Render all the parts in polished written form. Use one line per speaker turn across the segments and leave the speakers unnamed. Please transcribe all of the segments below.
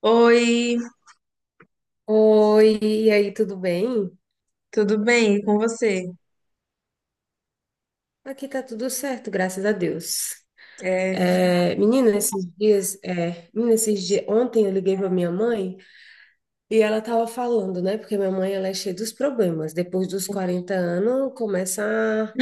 Oi,
Oi, e aí, tudo bem?
tudo bem? E com você?
Aqui tá tudo certo, graças a Deus.
É,
É, menina, esses dias, ontem eu liguei pra minha mãe e ela tava falando, né? Porque minha mãe, ela é cheia dos problemas. Depois dos 40 anos, começa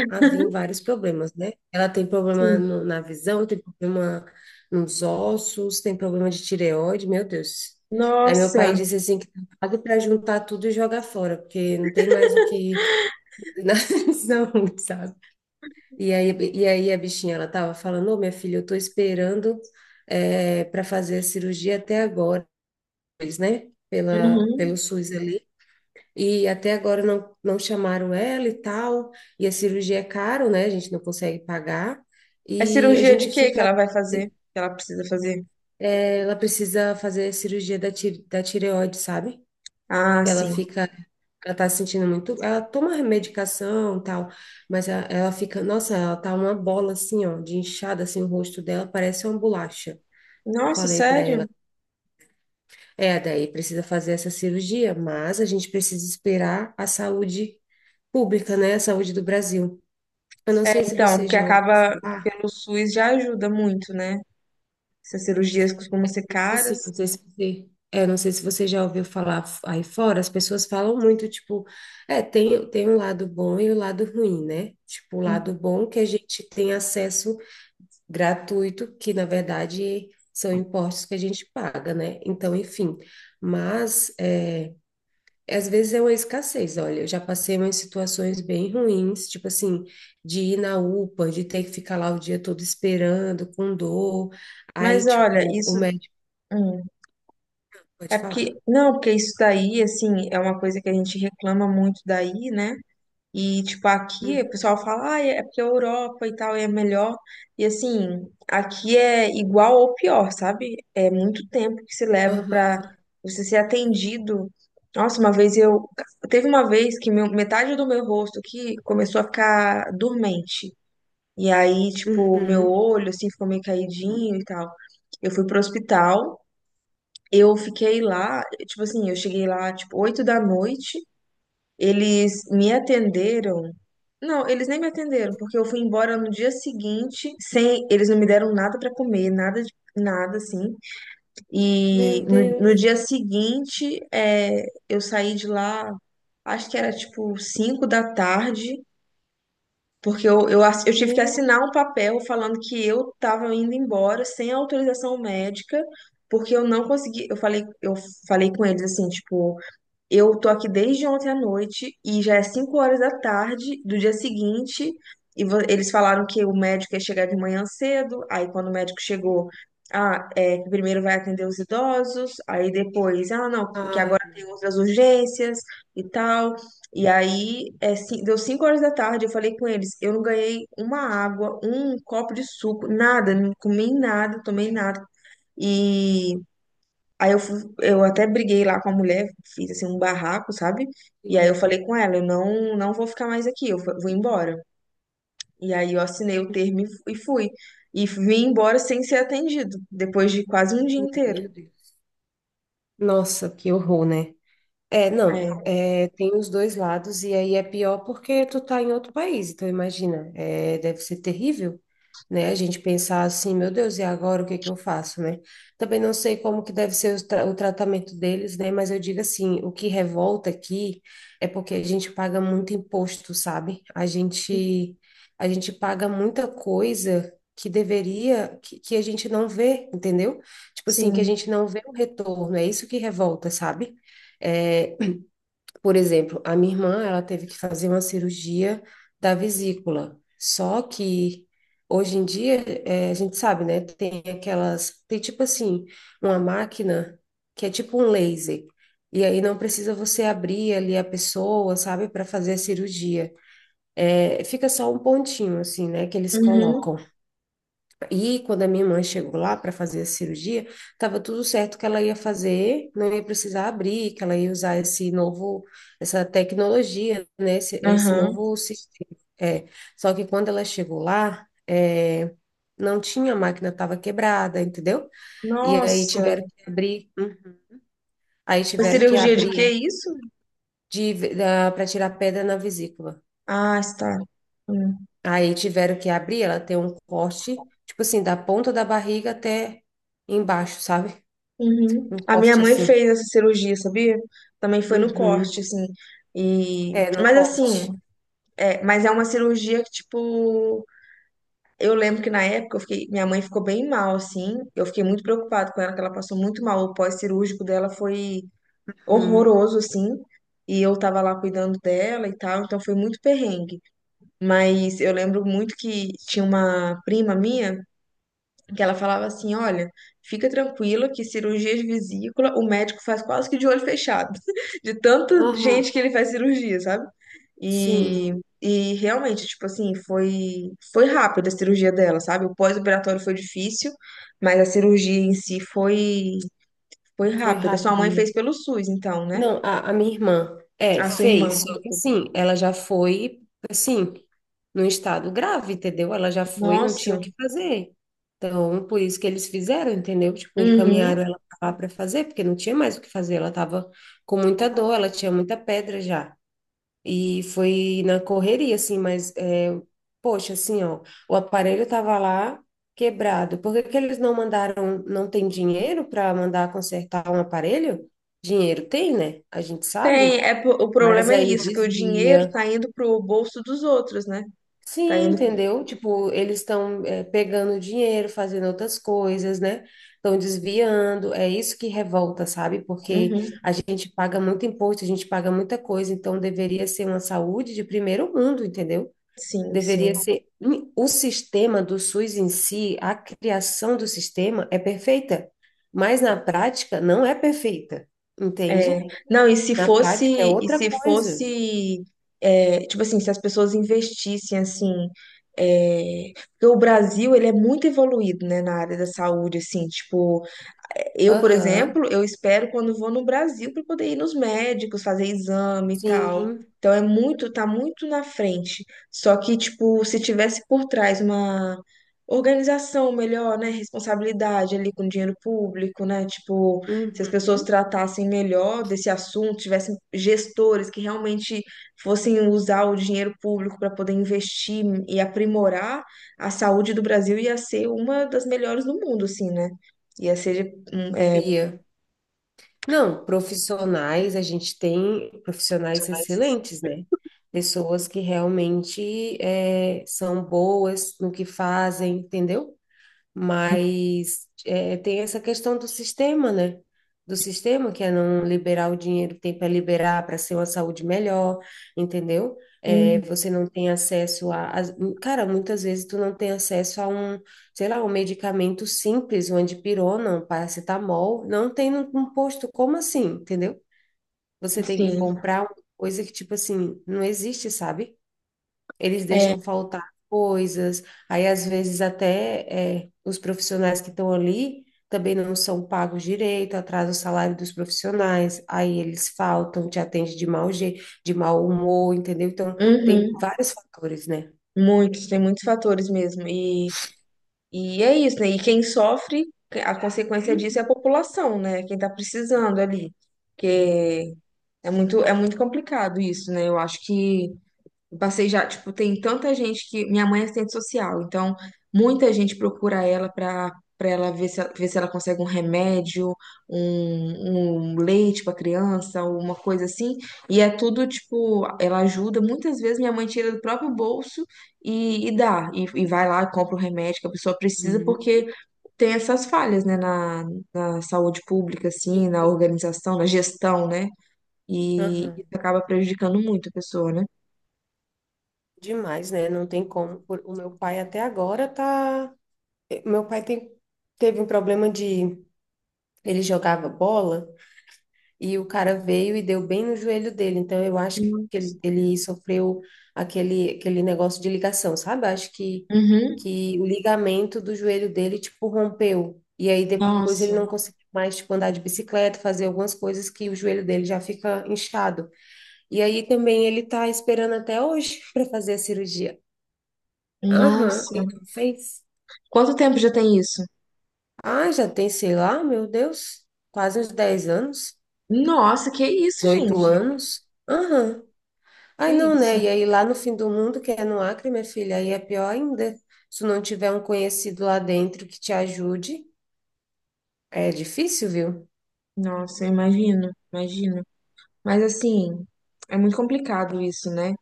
a vir vários problemas, né? Ela tem problema
sim.
na visão, tem problema nos ossos, tem problema de tireoide, meu Deus. Aí meu pai
Nossa,
disse assim que tá pago pra juntar tudo e jogar fora, porque não tem mais o que. Não. Sabe? E aí, a bichinha, ela tava falando: ô, minha filha, eu tô esperando para fazer a cirurgia até agora, eles, né? Pelo
uhum.
SUS ali. E até agora não chamaram ela e tal. E a cirurgia é caro, né? A gente não consegue pagar.
É
E a
cirurgia de
gente
quê que
fica.
ela vai fazer?
eh,
Que ela precisa fazer?
Ela precisa fazer a cirurgia da tireoide, sabe?
Ah,
que ela
sim.
fica, Ela tá se sentindo muito, ela toma medicação e tal, mas ela, fica, nossa, ela tá uma bola assim, ó, de inchada assim, o rosto dela parece uma bolacha.
Nossa,
Falei para ela,
sério?
daí precisa fazer essa cirurgia, mas a gente precisa esperar a saúde pública, né, a saúde do Brasil. Eu não sei se
Então,
você
porque
já ouviu
acaba
falar,
pelo SUS já ajuda muito, né? Essas cirurgias costumam ser caras.
Assim, não sei se você, é, não sei se você já ouviu falar aí fora, as pessoas falam muito, tipo, tem, um lado bom e o lado ruim, né? Tipo, o lado bom que a gente tem acesso gratuito, que na verdade são impostos que a gente paga, né? Então, enfim, mas às vezes é uma escassez. Olha, eu já passei umas situações bem ruins, tipo assim, de ir na UPA, de ter que ficar lá o dia todo esperando, com dor, aí,
Mas olha,
tipo, o
isso
médico
hum, é
pode falar.
porque não, porque isso daí assim é uma coisa que a gente reclama muito daí, né? E, tipo, aqui o pessoal fala, ah, é porque a Europa e tal é melhor. E, assim, aqui é igual ou pior, sabe? É muito tempo que se leva
Aham.
pra você ser atendido. Nossa, uma vez eu. Teve uma vez que metade do meu rosto aqui começou a ficar dormente. E aí, tipo, meu
Uhum.
olho, assim, ficou meio caidinho e tal. Eu fui pro hospital, eu fiquei lá, tipo assim, eu cheguei lá, tipo, 8 da noite. Eles me atenderam. Não, eles nem me atenderam, porque eu fui embora no dia seguinte, sem, eles não me deram nada pra comer, nada de nada assim. E
Meu
no
Deus.
dia seguinte, é, eu saí de lá, acho que era tipo 5 da tarde, porque eu tive que
Meu...
assinar um papel falando que eu tava indo embora sem autorização médica, porque eu não consegui, eu falei com eles assim, tipo, eu tô aqui desde ontem à noite e já é 5 horas da tarde do dia seguinte. E eles falaram que o médico ia chegar de manhã cedo. Aí, quando o médico chegou, ah, é que primeiro vai atender os idosos. Aí depois, ah, não, porque agora
Ai,
tem outras urgências e tal. E aí, deu 5 horas da tarde. Eu falei com eles: eu não ganhei uma água, um copo de suco, nada, não comi nada, tomei nada. E. Aí eu até briguei lá com a mulher, fiz assim um barraco, sabe? E aí
sim.
eu falei com ela, eu não, não vou ficar mais aqui, vou embora. E aí eu assinei o termo e fui. E vim embora sem ser atendido, depois de quase um dia inteiro.
Meu Deus. Nossa, que horror, né? É, não,
É,
tem os dois lados, e aí é pior porque tu tá em outro país, então imagina, deve ser terrível, né? A gente pensar assim, meu Deus, e agora o que é que eu faço, né? Também não sei como que deve ser o tratamento deles, né? Mas eu digo assim, o que revolta aqui é porque a gente paga muito imposto, sabe? A gente paga muita coisa que deveria, que a gente não vê, entendeu? Tipo assim, que a
sim.
gente não vê o retorno, é isso que revolta, sabe? É, por exemplo, a minha irmã, ela teve que fazer uma cirurgia da vesícula. Só que hoje em dia, a gente sabe, né? Tem tipo assim, uma máquina que é tipo um laser. E aí não precisa você abrir ali a pessoa, sabe, para fazer a cirurgia. Fica só um pontinho assim, né, que eles
Uhum,
colocam. E quando a minha mãe chegou lá para fazer a cirurgia, estava tudo certo que ela ia fazer, não ia precisar abrir, que ela ia usar essa tecnologia, né? Esse
aham.
novo sistema. É. Só que quando ela chegou lá, não tinha, a máquina estava quebrada, entendeu? E aí
Nossa,
tiveram que abrir, hum, aí
foi
tiveram que
cirurgia de que
abrir
isso?
de, para tirar pedra na vesícula.
Ah, está. Hum,
Aí tiveram que abrir, ela tem um corte, tipo assim, da ponta da barriga até embaixo, sabe?
Uhum.
Um
A minha
corte
mãe
assim.
fez essa cirurgia, sabia? Também foi no corte,
Uhum.
assim. E...
É, num
Mas assim,
corte.
é, mas é uma cirurgia que, tipo, eu lembro que na época eu fiquei, minha mãe ficou bem mal, assim. Eu fiquei muito preocupada com ela, que ela passou muito mal. O pós-cirúrgico dela foi
Uhum.
horroroso, assim. E eu tava lá cuidando dela e tal, então foi muito perrengue. Mas eu lembro muito que tinha uma prima minha que ela falava assim, olha, fica tranquila que cirurgia de vesícula o médico faz quase que de olho fechado, de tanta gente
Aham.
que ele faz cirurgia, sabe? E,
Sim,
e realmente, tipo assim, foi, foi rápida a cirurgia dela, sabe? O pós-operatório foi difícil, mas a cirurgia em si foi, foi
foi
rápida. Sua
rápido,
mãe fez
né?
pelo SUS, então, né?
Não, a minha irmã,
A sua irmã.
fez, só que assim, ela já foi, assim, num estado grave, entendeu? Ela já foi, não tinha
Nossa.
o que fazer. Então, por isso que eles fizeram, entendeu? Tipo,
Uhum.
encaminharam ela lá para fazer, porque não tinha mais o que fazer, ela tava com muita dor, ela tinha muita pedra já. E foi na correria, assim, mas, poxa, assim, ó, o aparelho tava lá quebrado. Por que que eles não mandaram, não tem dinheiro para mandar consertar um aparelho? Dinheiro tem, né? A gente
Tem,
sabe,
é, o
mas
problema é
aí
isso, que o dinheiro
desvia.
tá indo pro bolso dos outros, né? Tá
Sim,
indo.
entendeu? Tipo, eles estão, pegando dinheiro, fazendo outras coisas, né? Estão desviando. É isso que revolta, sabe? Porque
Uhum.
a gente paga muito imposto, a gente paga muita coisa, então deveria ser uma saúde de primeiro mundo, entendeu?
Sim, sim.
Deveria ser. O sistema do SUS em si, a criação do sistema é perfeita, mas na prática não é perfeita,
É,
entende?
não, e se
Na prática é
fosse, e
outra
se
coisa.
fosse, é, tipo assim, se as pessoas investissem assim, é, porque o Brasil, ele é muito evoluído, né, na área da saúde, assim, tipo, eu, por
Aham,
exemplo, eu espero quando vou no Brasil para poder ir nos médicos, fazer exame e tal.
sim.
Então é muito, tá muito na frente. Só que, tipo, se tivesse por trás uma organização melhor, né? Responsabilidade ali com dinheiro público, né? Tipo, se
Uhum.
as pessoas tratassem melhor desse assunto, tivessem gestores que realmente fossem usar o dinheiro público para poder investir e aprimorar, a saúde do Brasil ia ser uma das melhores do mundo, assim, né? Ia ser hum, é,
Ia. Não, profissionais, a gente tem profissionais excelentes, né? Pessoas que realmente são boas no que fazem, entendeu? Mas tem essa questão do sistema, né? Do sistema, que é não liberar o dinheiro que tem para liberar para ser uma saúde melhor, entendeu? É,
hum,
você não tem acesso Cara, muitas vezes tu não tem acesso a um, sei lá, um medicamento simples, uma dipirona, um paracetamol, não tem num posto. Como assim, entendeu? Você tem que
sim,
comprar uma coisa que, tipo assim, não existe, sabe? Eles
é,
deixam faltar coisas, aí às vezes até os profissionais que estão ali também não são pagos direito, atrasa o salário dos profissionais, aí eles faltam, te atende de mau jeito, de mau humor, entendeu? Então, tem
uhum,
vários fatores, né?
muitos, tem muitos fatores mesmo. E é isso, né? E quem sofre, a consequência disso é a
Uhum.
população, né? Quem tá
É.
precisando ali. Porque é muito complicado isso, né? Eu acho que eu passei já, tipo, tem tanta gente que. Minha mãe é assistente social, então muita gente procura ela pra, pra ela ver se ela consegue um remédio, um leite pra criança, uma coisa assim. E é tudo, tipo, ela ajuda. Muitas vezes minha mãe tira do próprio bolso e dá. E vai lá, e compra o remédio que a pessoa precisa,
Uhum.
porque tem essas falhas, né, na, na saúde pública, assim,
Sim.
na organização, na gestão, né? E
Aham.
isso acaba prejudicando muito a pessoa, né?
Demais, né? Não tem como. O meu pai até agora tá. Meu pai tem. Teve um problema de. Ele jogava bola e o cara veio e deu bem no joelho dele. Então eu acho que ele sofreu aquele negócio de ligação, sabe? Eu acho que,
Uhum.
que o ligamento do joelho dele, tipo, rompeu. E aí depois ele
Nossa,
não conseguiu mais, tipo, andar de bicicleta, fazer algumas coisas que o joelho dele já fica inchado. E aí também ele tá esperando até hoje para fazer a cirurgia. Aham,
nossa.
ele não fez.
Quanto tempo já tem isso?
Ah, já tem, sei lá, meu Deus, quase uns 10 anos,
Nossa, que isso,
18
gente?
anos. Aham. Ai,
Que
não, né?
isso?
E aí lá no fim do mundo, que é no Acre, minha filha, aí é pior ainda. Se tu não tiver um conhecido lá dentro que te ajude, é difícil, viu?
Nossa, eu imagino, imagino. Mas assim, é muito complicado isso, né?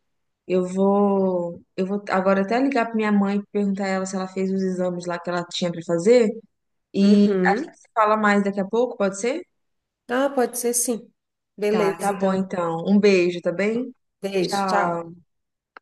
Eu vou agora até ligar pra minha mãe e perguntar a ela se ela fez os exames lá que ela tinha pra fazer e
Uhum.
fala mais daqui a pouco, pode ser?
Ah, pode ser sim.
Tá, tá
Beleza,
bom
então.
então. Um beijo, tá bem?
Beijo, tchau.
Tchau.